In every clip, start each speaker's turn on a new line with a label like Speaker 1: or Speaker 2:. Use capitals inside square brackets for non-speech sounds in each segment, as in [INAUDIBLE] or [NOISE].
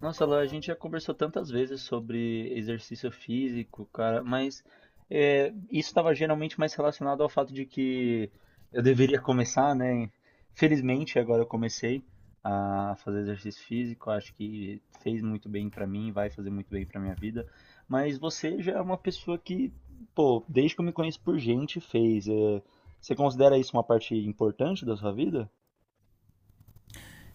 Speaker 1: Nossa, lá, a gente já conversou tantas vezes sobre exercício físico, cara, mas isso estava geralmente mais relacionado ao fato de que eu deveria começar, né? Felizmente, agora eu comecei a fazer exercício físico, acho que fez muito bem pra mim, vai fazer muito bem pra minha vida. Mas você já é uma pessoa que, pô, desde que eu me conheço por gente, fez. Você considera isso uma parte importante da sua vida?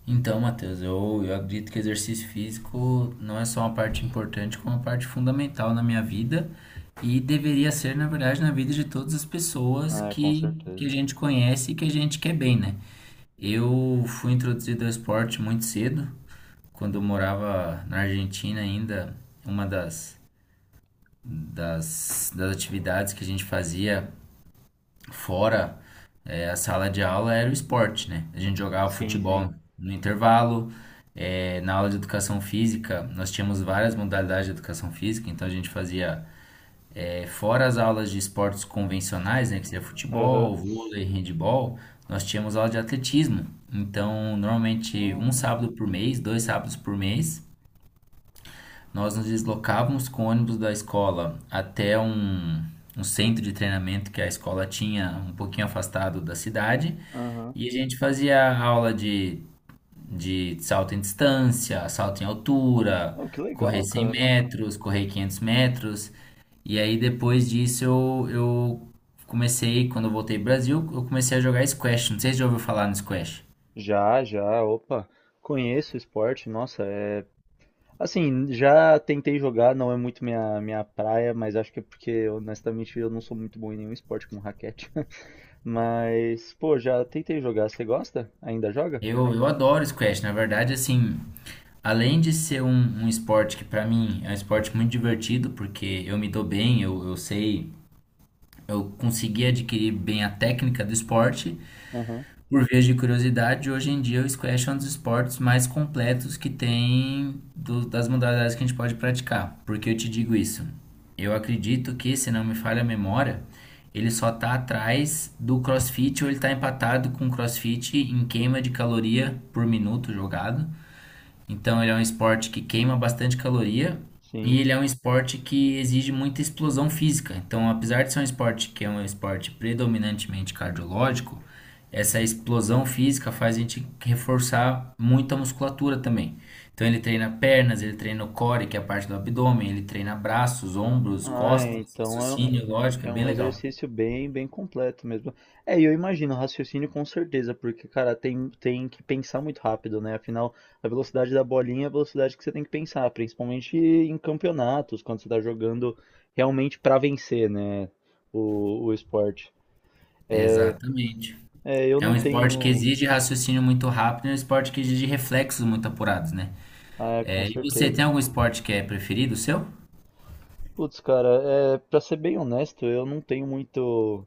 Speaker 2: Então, Matheus, eu acredito que exercício físico não é só uma parte importante, como uma parte fundamental na minha vida e deveria ser, na verdade, na vida de todas as pessoas
Speaker 1: É, com
Speaker 2: que a
Speaker 1: certeza.
Speaker 2: gente conhece e que a gente quer bem, né? Eu fui introduzido ao esporte muito cedo, quando eu morava na Argentina ainda, uma das atividades que a gente fazia fora a sala de aula era o esporte, né? A gente jogava
Speaker 1: Sim, sim.
Speaker 2: futebol no intervalo. Na aula de educação física, nós tínhamos várias modalidades de educação física, então a gente fazia, fora as aulas de esportes convencionais, né, que seria
Speaker 1: Aham.
Speaker 2: futebol, vôlei, handebol, nós tínhamos aula de atletismo. Então, normalmente, um
Speaker 1: Ah.
Speaker 2: sábado por mês, 2 sábados por mês, nós nos deslocávamos com o ônibus da escola até um centro de treinamento que a escola tinha um pouquinho afastado da cidade.
Speaker 1: Aham.
Speaker 2: E a gente fazia aula de salto em distância, salto em altura,
Speaker 1: Oh, que
Speaker 2: correr
Speaker 1: legal,
Speaker 2: 100
Speaker 1: cara.
Speaker 2: metros, correr 500 metros. E aí depois disso eu comecei, quando eu voltei pro Brasil, eu comecei a jogar squash. Não sei se já ouviu falar no squash.
Speaker 1: Já, já, opa. Conheço o esporte, nossa, é. Assim, já tentei jogar, não é muito minha praia, mas acho que é porque, honestamente, eu não sou muito bom em nenhum esporte com raquete. [LAUGHS] Mas, pô, já tentei jogar. Você gosta? Ainda joga?
Speaker 2: Eu adoro squash, na verdade, assim, além de ser um esporte que pra mim é um esporte muito divertido, porque eu me dou bem, eu sei, eu consegui adquirir bem a técnica do esporte.
Speaker 1: Aham,
Speaker 2: Por via de curiosidade, hoje em dia o squash é um dos esportes mais completos que tem das modalidades que a gente pode praticar. Por que eu te digo isso? Eu acredito que, se não me falha a memória, ele só tá atrás do CrossFit ou ele tá empatado com o CrossFit em queima de caloria por minuto jogado. Então ele é um esporte que queima bastante caloria e
Speaker 1: sim.
Speaker 2: ele é um esporte que exige muita explosão física. Então, apesar de ser um esporte que é um esporte predominantemente cardiológico, essa explosão física faz a gente reforçar muito a musculatura também. Então ele treina pernas, ele treina o core, que é a parte do abdômen, ele treina braços, ombros,
Speaker 1: Ah,
Speaker 2: costas,
Speaker 1: então é, um,
Speaker 2: raciocínio, lógico, é
Speaker 1: é
Speaker 2: bem
Speaker 1: um
Speaker 2: legal.
Speaker 1: exercício bem, bem completo mesmo. E eu imagino, raciocínio com certeza, porque, cara, tem que pensar muito rápido, né? Afinal, a velocidade da bolinha é a velocidade que você tem que pensar, principalmente em campeonatos, quando você tá jogando realmente pra vencer, né? O esporte. É,
Speaker 2: Exatamente.
Speaker 1: eu
Speaker 2: É
Speaker 1: não
Speaker 2: um esporte que
Speaker 1: tenho.
Speaker 2: exige raciocínio muito rápido, e é um esporte que exige reflexos muito apurados, né?
Speaker 1: Ah, é, com
Speaker 2: É, e você
Speaker 1: certeza.
Speaker 2: tem algum esporte que é preferido seu?
Speaker 1: Putz, cara, pra ser bem honesto, eu não tenho muito.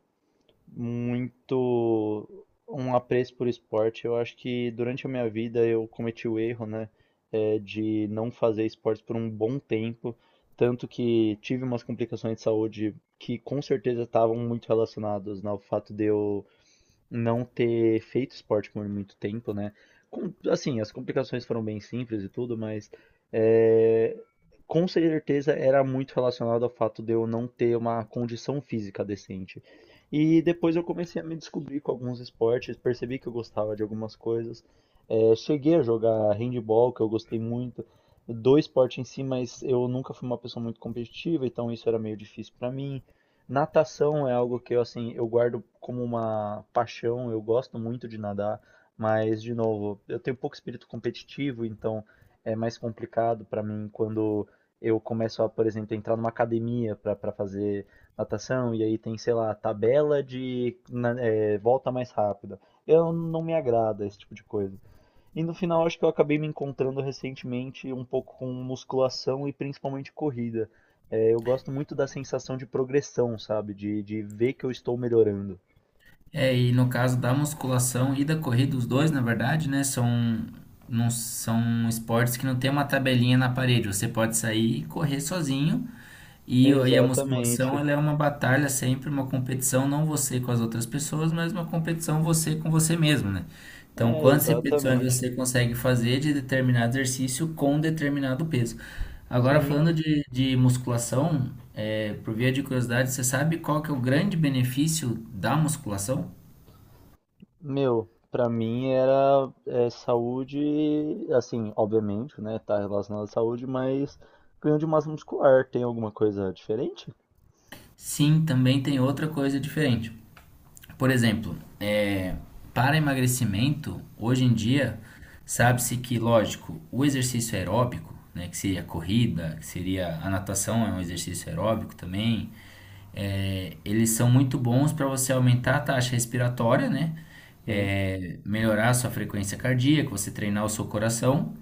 Speaker 1: muito um apreço por esporte. Eu acho que durante a minha vida eu cometi o erro, né, de não fazer esportes por um bom tempo, tanto que tive umas complicações de saúde que com certeza estavam muito relacionadas, né, ao fato de eu não ter feito esporte por muito tempo, né? Assim, as complicações foram bem simples e tudo, mas é, com certeza era muito relacionado ao fato de eu não ter uma condição física decente. E depois eu comecei a me descobrir com alguns esportes, percebi que eu gostava de algumas coisas. Cheguei a jogar handball, que eu gostei muito, do esporte em si, mas eu nunca fui uma pessoa muito competitiva, então isso era meio difícil para mim. Natação é algo que eu, assim, eu guardo como uma paixão, eu gosto muito de nadar, mas, de novo, eu tenho pouco espírito competitivo, então é mais complicado para mim quando eu começo a, por exemplo, entrar numa academia para fazer natação, e aí tem, sei lá, tabela de volta mais rápida. Eu não me agrada esse tipo de coisa. E no final, acho que eu acabei me encontrando recentemente um pouco com musculação e principalmente corrida. Eu gosto muito da sensação de progressão, sabe? De ver que eu estou melhorando.
Speaker 2: É, e no caso da musculação e da corrida, os dois, na verdade, né, são esportes que não tem uma tabelinha na parede. Você pode sair e correr sozinho. E a musculação,
Speaker 1: Exatamente.
Speaker 2: ela é uma batalha sempre, uma competição, não você com as outras pessoas, mas uma competição você com você mesmo, né? Então,
Speaker 1: É,
Speaker 2: quantas repetições
Speaker 1: exatamente.
Speaker 2: você consegue fazer de determinado exercício com determinado peso? Agora,
Speaker 1: Sim.
Speaker 2: falando de musculação, é, por via de curiosidade, você sabe qual que é o grande benefício da musculação?
Speaker 1: Meu, pra mim era saúde, assim, obviamente, né? Tá relacionado à saúde, mas ganho de massa muscular tem alguma coisa diferente?
Speaker 2: Sim, também tem outra coisa diferente. Por exemplo, para emagrecimento, hoje em dia, sabe-se que, lógico, o exercício aeróbico, né, que seria a corrida, que seria a natação, é um exercício aeróbico também, é, eles são muito bons para você aumentar a taxa respiratória, né?
Speaker 1: Sim.
Speaker 2: É, melhorar a sua frequência cardíaca, você treinar o seu coração.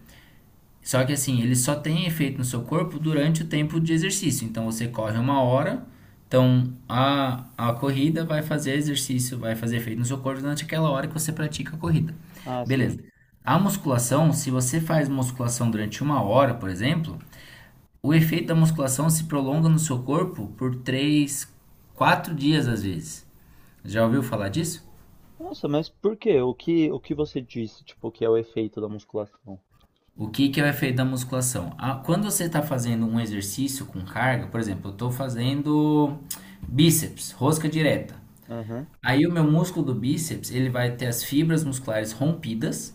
Speaker 2: Só que assim, ele só tem efeito no seu corpo durante o tempo de exercício. Então você corre uma hora, então a corrida vai fazer exercício, vai fazer efeito no seu corpo durante aquela hora que você pratica a corrida.
Speaker 1: Ah, sim.
Speaker 2: Beleza. A musculação, se você faz musculação durante uma hora, por exemplo, o efeito da musculação se prolonga no seu corpo por 3 a 4 dias às vezes. Já ouviu falar disso?
Speaker 1: Nossa, mas por quê? O que você disse, tipo, que é o efeito da musculação?
Speaker 2: O que que é o efeito da musculação? Ah, quando você está fazendo um exercício com carga, por exemplo, eu estou fazendo bíceps, rosca direta.
Speaker 1: Aham.
Speaker 2: Aí o meu músculo do bíceps, ele vai ter as fibras musculares rompidas,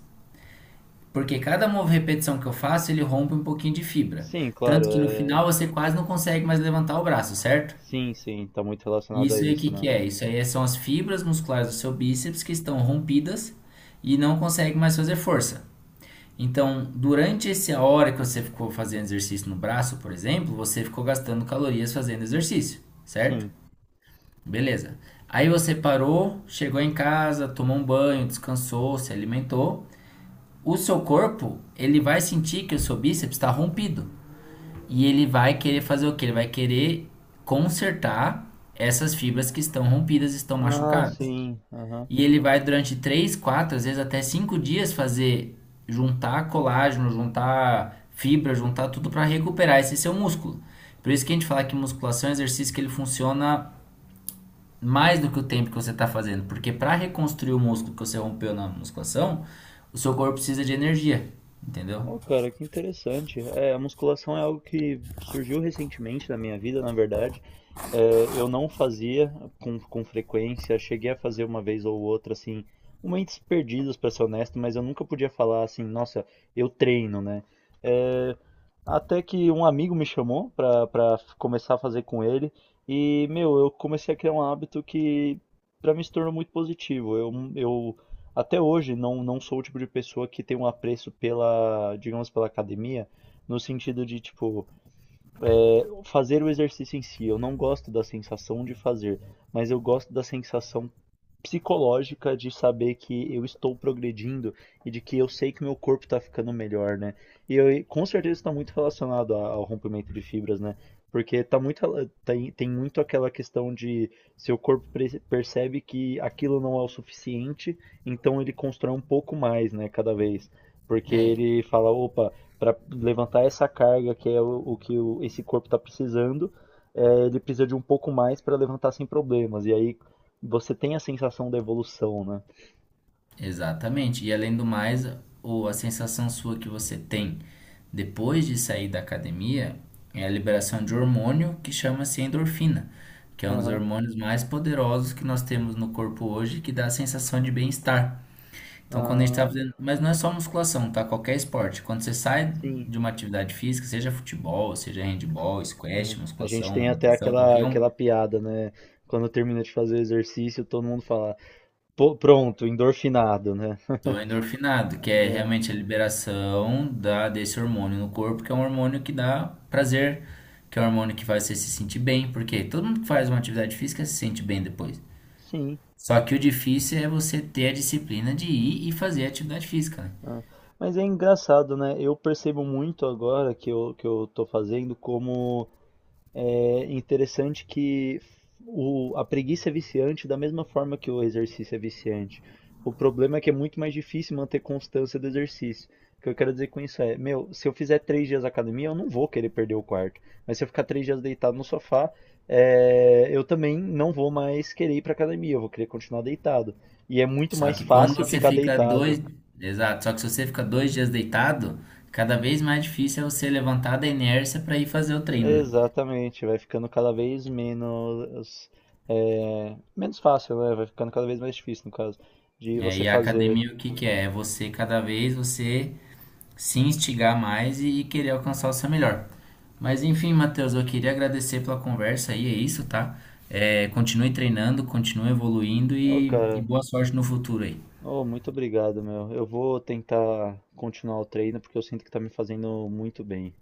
Speaker 2: porque cada repetição que eu faço, ele rompe um pouquinho de fibra.
Speaker 1: Sim, claro.
Speaker 2: Tanto que no
Speaker 1: É.
Speaker 2: final você quase não consegue mais levantar o braço, certo?
Speaker 1: Sim, sim, tá muito
Speaker 2: E
Speaker 1: relacionado a
Speaker 2: isso aí o
Speaker 1: isso,
Speaker 2: que
Speaker 1: né?
Speaker 2: que é? Isso aí são as fibras musculares do seu bíceps que estão rompidas e não consegue mais fazer força. Então, durante essa hora que você ficou fazendo exercício no braço, por exemplo, você ficou gastando calorias fazendo exercício, certo?
Speaker 1: Sim.
Speaker 2: Beleza. Aí você parou, chegou em casa, tomou um banho, descansou, se alimentou. O seu corpo, ele vai sentir que o seu bíceps está rompido. E ele vai querer fazer o quê? Ele vai querer consertar essas fibras que estão rompidas, estão
Speaker 1: Ah,
Speaker 2: machucadas.
Speaker 1: sim. Aham.
Speaker 2: E ele vai durante 3, 4 às vezes até 5 dias fazer juntar colágeno, juntar fibra, juntar tudo para recuperar esse seu músculo. Por isso que a gente fala que musculação é um exercício que ele funciona mais do que o tempo que você está fazendo, porque para reconstruir o músculo que você rompeu na musculação, o seu corpo precisa de energia, entendeu?
Speaker 1: Oh, cara, que interessante. A musculação é algo que surgiu recentemente na minha vida, na verdade. Eu não fazia com frequência, cheguei a fazer uma vez ou outra, assim, momentos perdidos, pra ser honesto, mas eu nunca podia falar assim, nossa, eu treino, né? É, Até que um amigo me chamou começar a fazer com ele, e, meu, eu comecei a criar um hábito que pra mim se tornou muito positivo. Eu até hoje não sou o tipo de pessoa que tem um apreço pela, digamos, pela academia, no sentido de, tipo, fazer o exercício em si. Eu não gosto da sensação de fazer, mas eu gosto da sensação psicológica de saber que eu estou progredindo e de que eu sei que meu corpo está ficando melhor, né? E eu, com certeza está muito relacionado ao rompimento de fibras, né? Porque tá muito, tem muito aquela questão de seu corpo percebe que aquilo não é o suficiente, então ele constrói um pouco mais, né, cada vez.
Speaker 2: E
Speaker 1: Porque
Speaker 2: aí?
Speaker 1: ele fala, opa, para levantar essa carga que é esse corpo está precisando, ele precisa de um pouco mais para levantar sem problemas. E aí, você tem a sensação da evolução, né?
Speaker 2: Exatamente. E além do mais, o, a sensação sua que você tem depois de sair da academia é a liberação de hormônio que chama-se endorfina, que é um dos
Speaker 1: Aham.
Speaker 2: hormônios mais poderosos que nós temos no corpo hoje, que dá a sensação de bem-estar. Então, quando a gente está
Speaker 1: Ah,
Speaker 2: fazendo. Mas não é só musculação, tá? Qualquer esporte. Quando você sai
Speaker 1: sim.
Speaker 2: de uma atividade física, seja futebol, seja handball, squash,
Speaker 1: É. A gente
Speaker 2: musculação,
Speaker 1: tem até
Speaker 2: natação,
Speaker 1: aquela,
Speaker 2: qualquer um,
Speaker 1: aquela piada, né? Quando termina de fazer o exercício, todo mundo fala, "Pô, pronto, endorfinado, né?"
Speaker 2: do endorfinado, que é
Speaker 1: É,
Speaker 2: realmente a liberação desse hormônio no corpo, que é um hormônio que dá prazer, que é um hormônio que faz você se sentir bem, porque todo mundo que faz uma atividade física se sente bem depois.
Speaker 1: sim.
Speaker 2: Só que o difícil é você ter a disciplina de ir e fazer a atividade física, né?
Speaker 1: É. Mas é engraçado, né? Eu percebo muito agora que eu, tô fazendo. Como É interessante que a preguiça é viciante da mesma forma que o exercício é viciante. O problema é que é muito mais difícil manter constância do exercício. O que eu quero dizer com isso é, meu, se eu fizer 3 dias academia, eu não vou querer perder o quarto. Mas se eu ficar 3 dias deitado no sofá, eu também não vou mais querer ir para academia. Eu vou querer continuar deitado. E é muito
Speaker 2: Só
Speaker 1: mais
Speaker 2: que quando
Speaker 1: fácil
Speaker 2: você
Speaker 1: ficar
Speaker 2: fica
Speaker 1: deitado.
Speaker 2: dois, exato, só que se você fica 2 dias deitado, cada vez mais difícil é você levantar da inércia para ir fazer o treino, né?
Speaker 1: Exatamente, vai ficando cada vez menos, menos fácil, né? Vai ficando cada vez mais difícil, no caso, de
Speaker 2: É,
Speaker 1: você
Speaker 2: e a
Speaker 1: fazer.
Speaker 2: academia o que que é? É você cada vez você se instigar mais e querer alcançar o seu melhor. Mas enfim, Matheus, eu queria agradecer pela conversa aí, é isso, tá? É, continue treinando, continue evoluindo
Speaker 1: Ô,
Speaker 2: e
Speaker 1: cara,
Speaker 2: boa sorte no futuro aí.
Speaker 1: ô, muito obrigado, meu. Eu vou tentar continuar o treino porque eu sinto que tá me fazendo muito bem.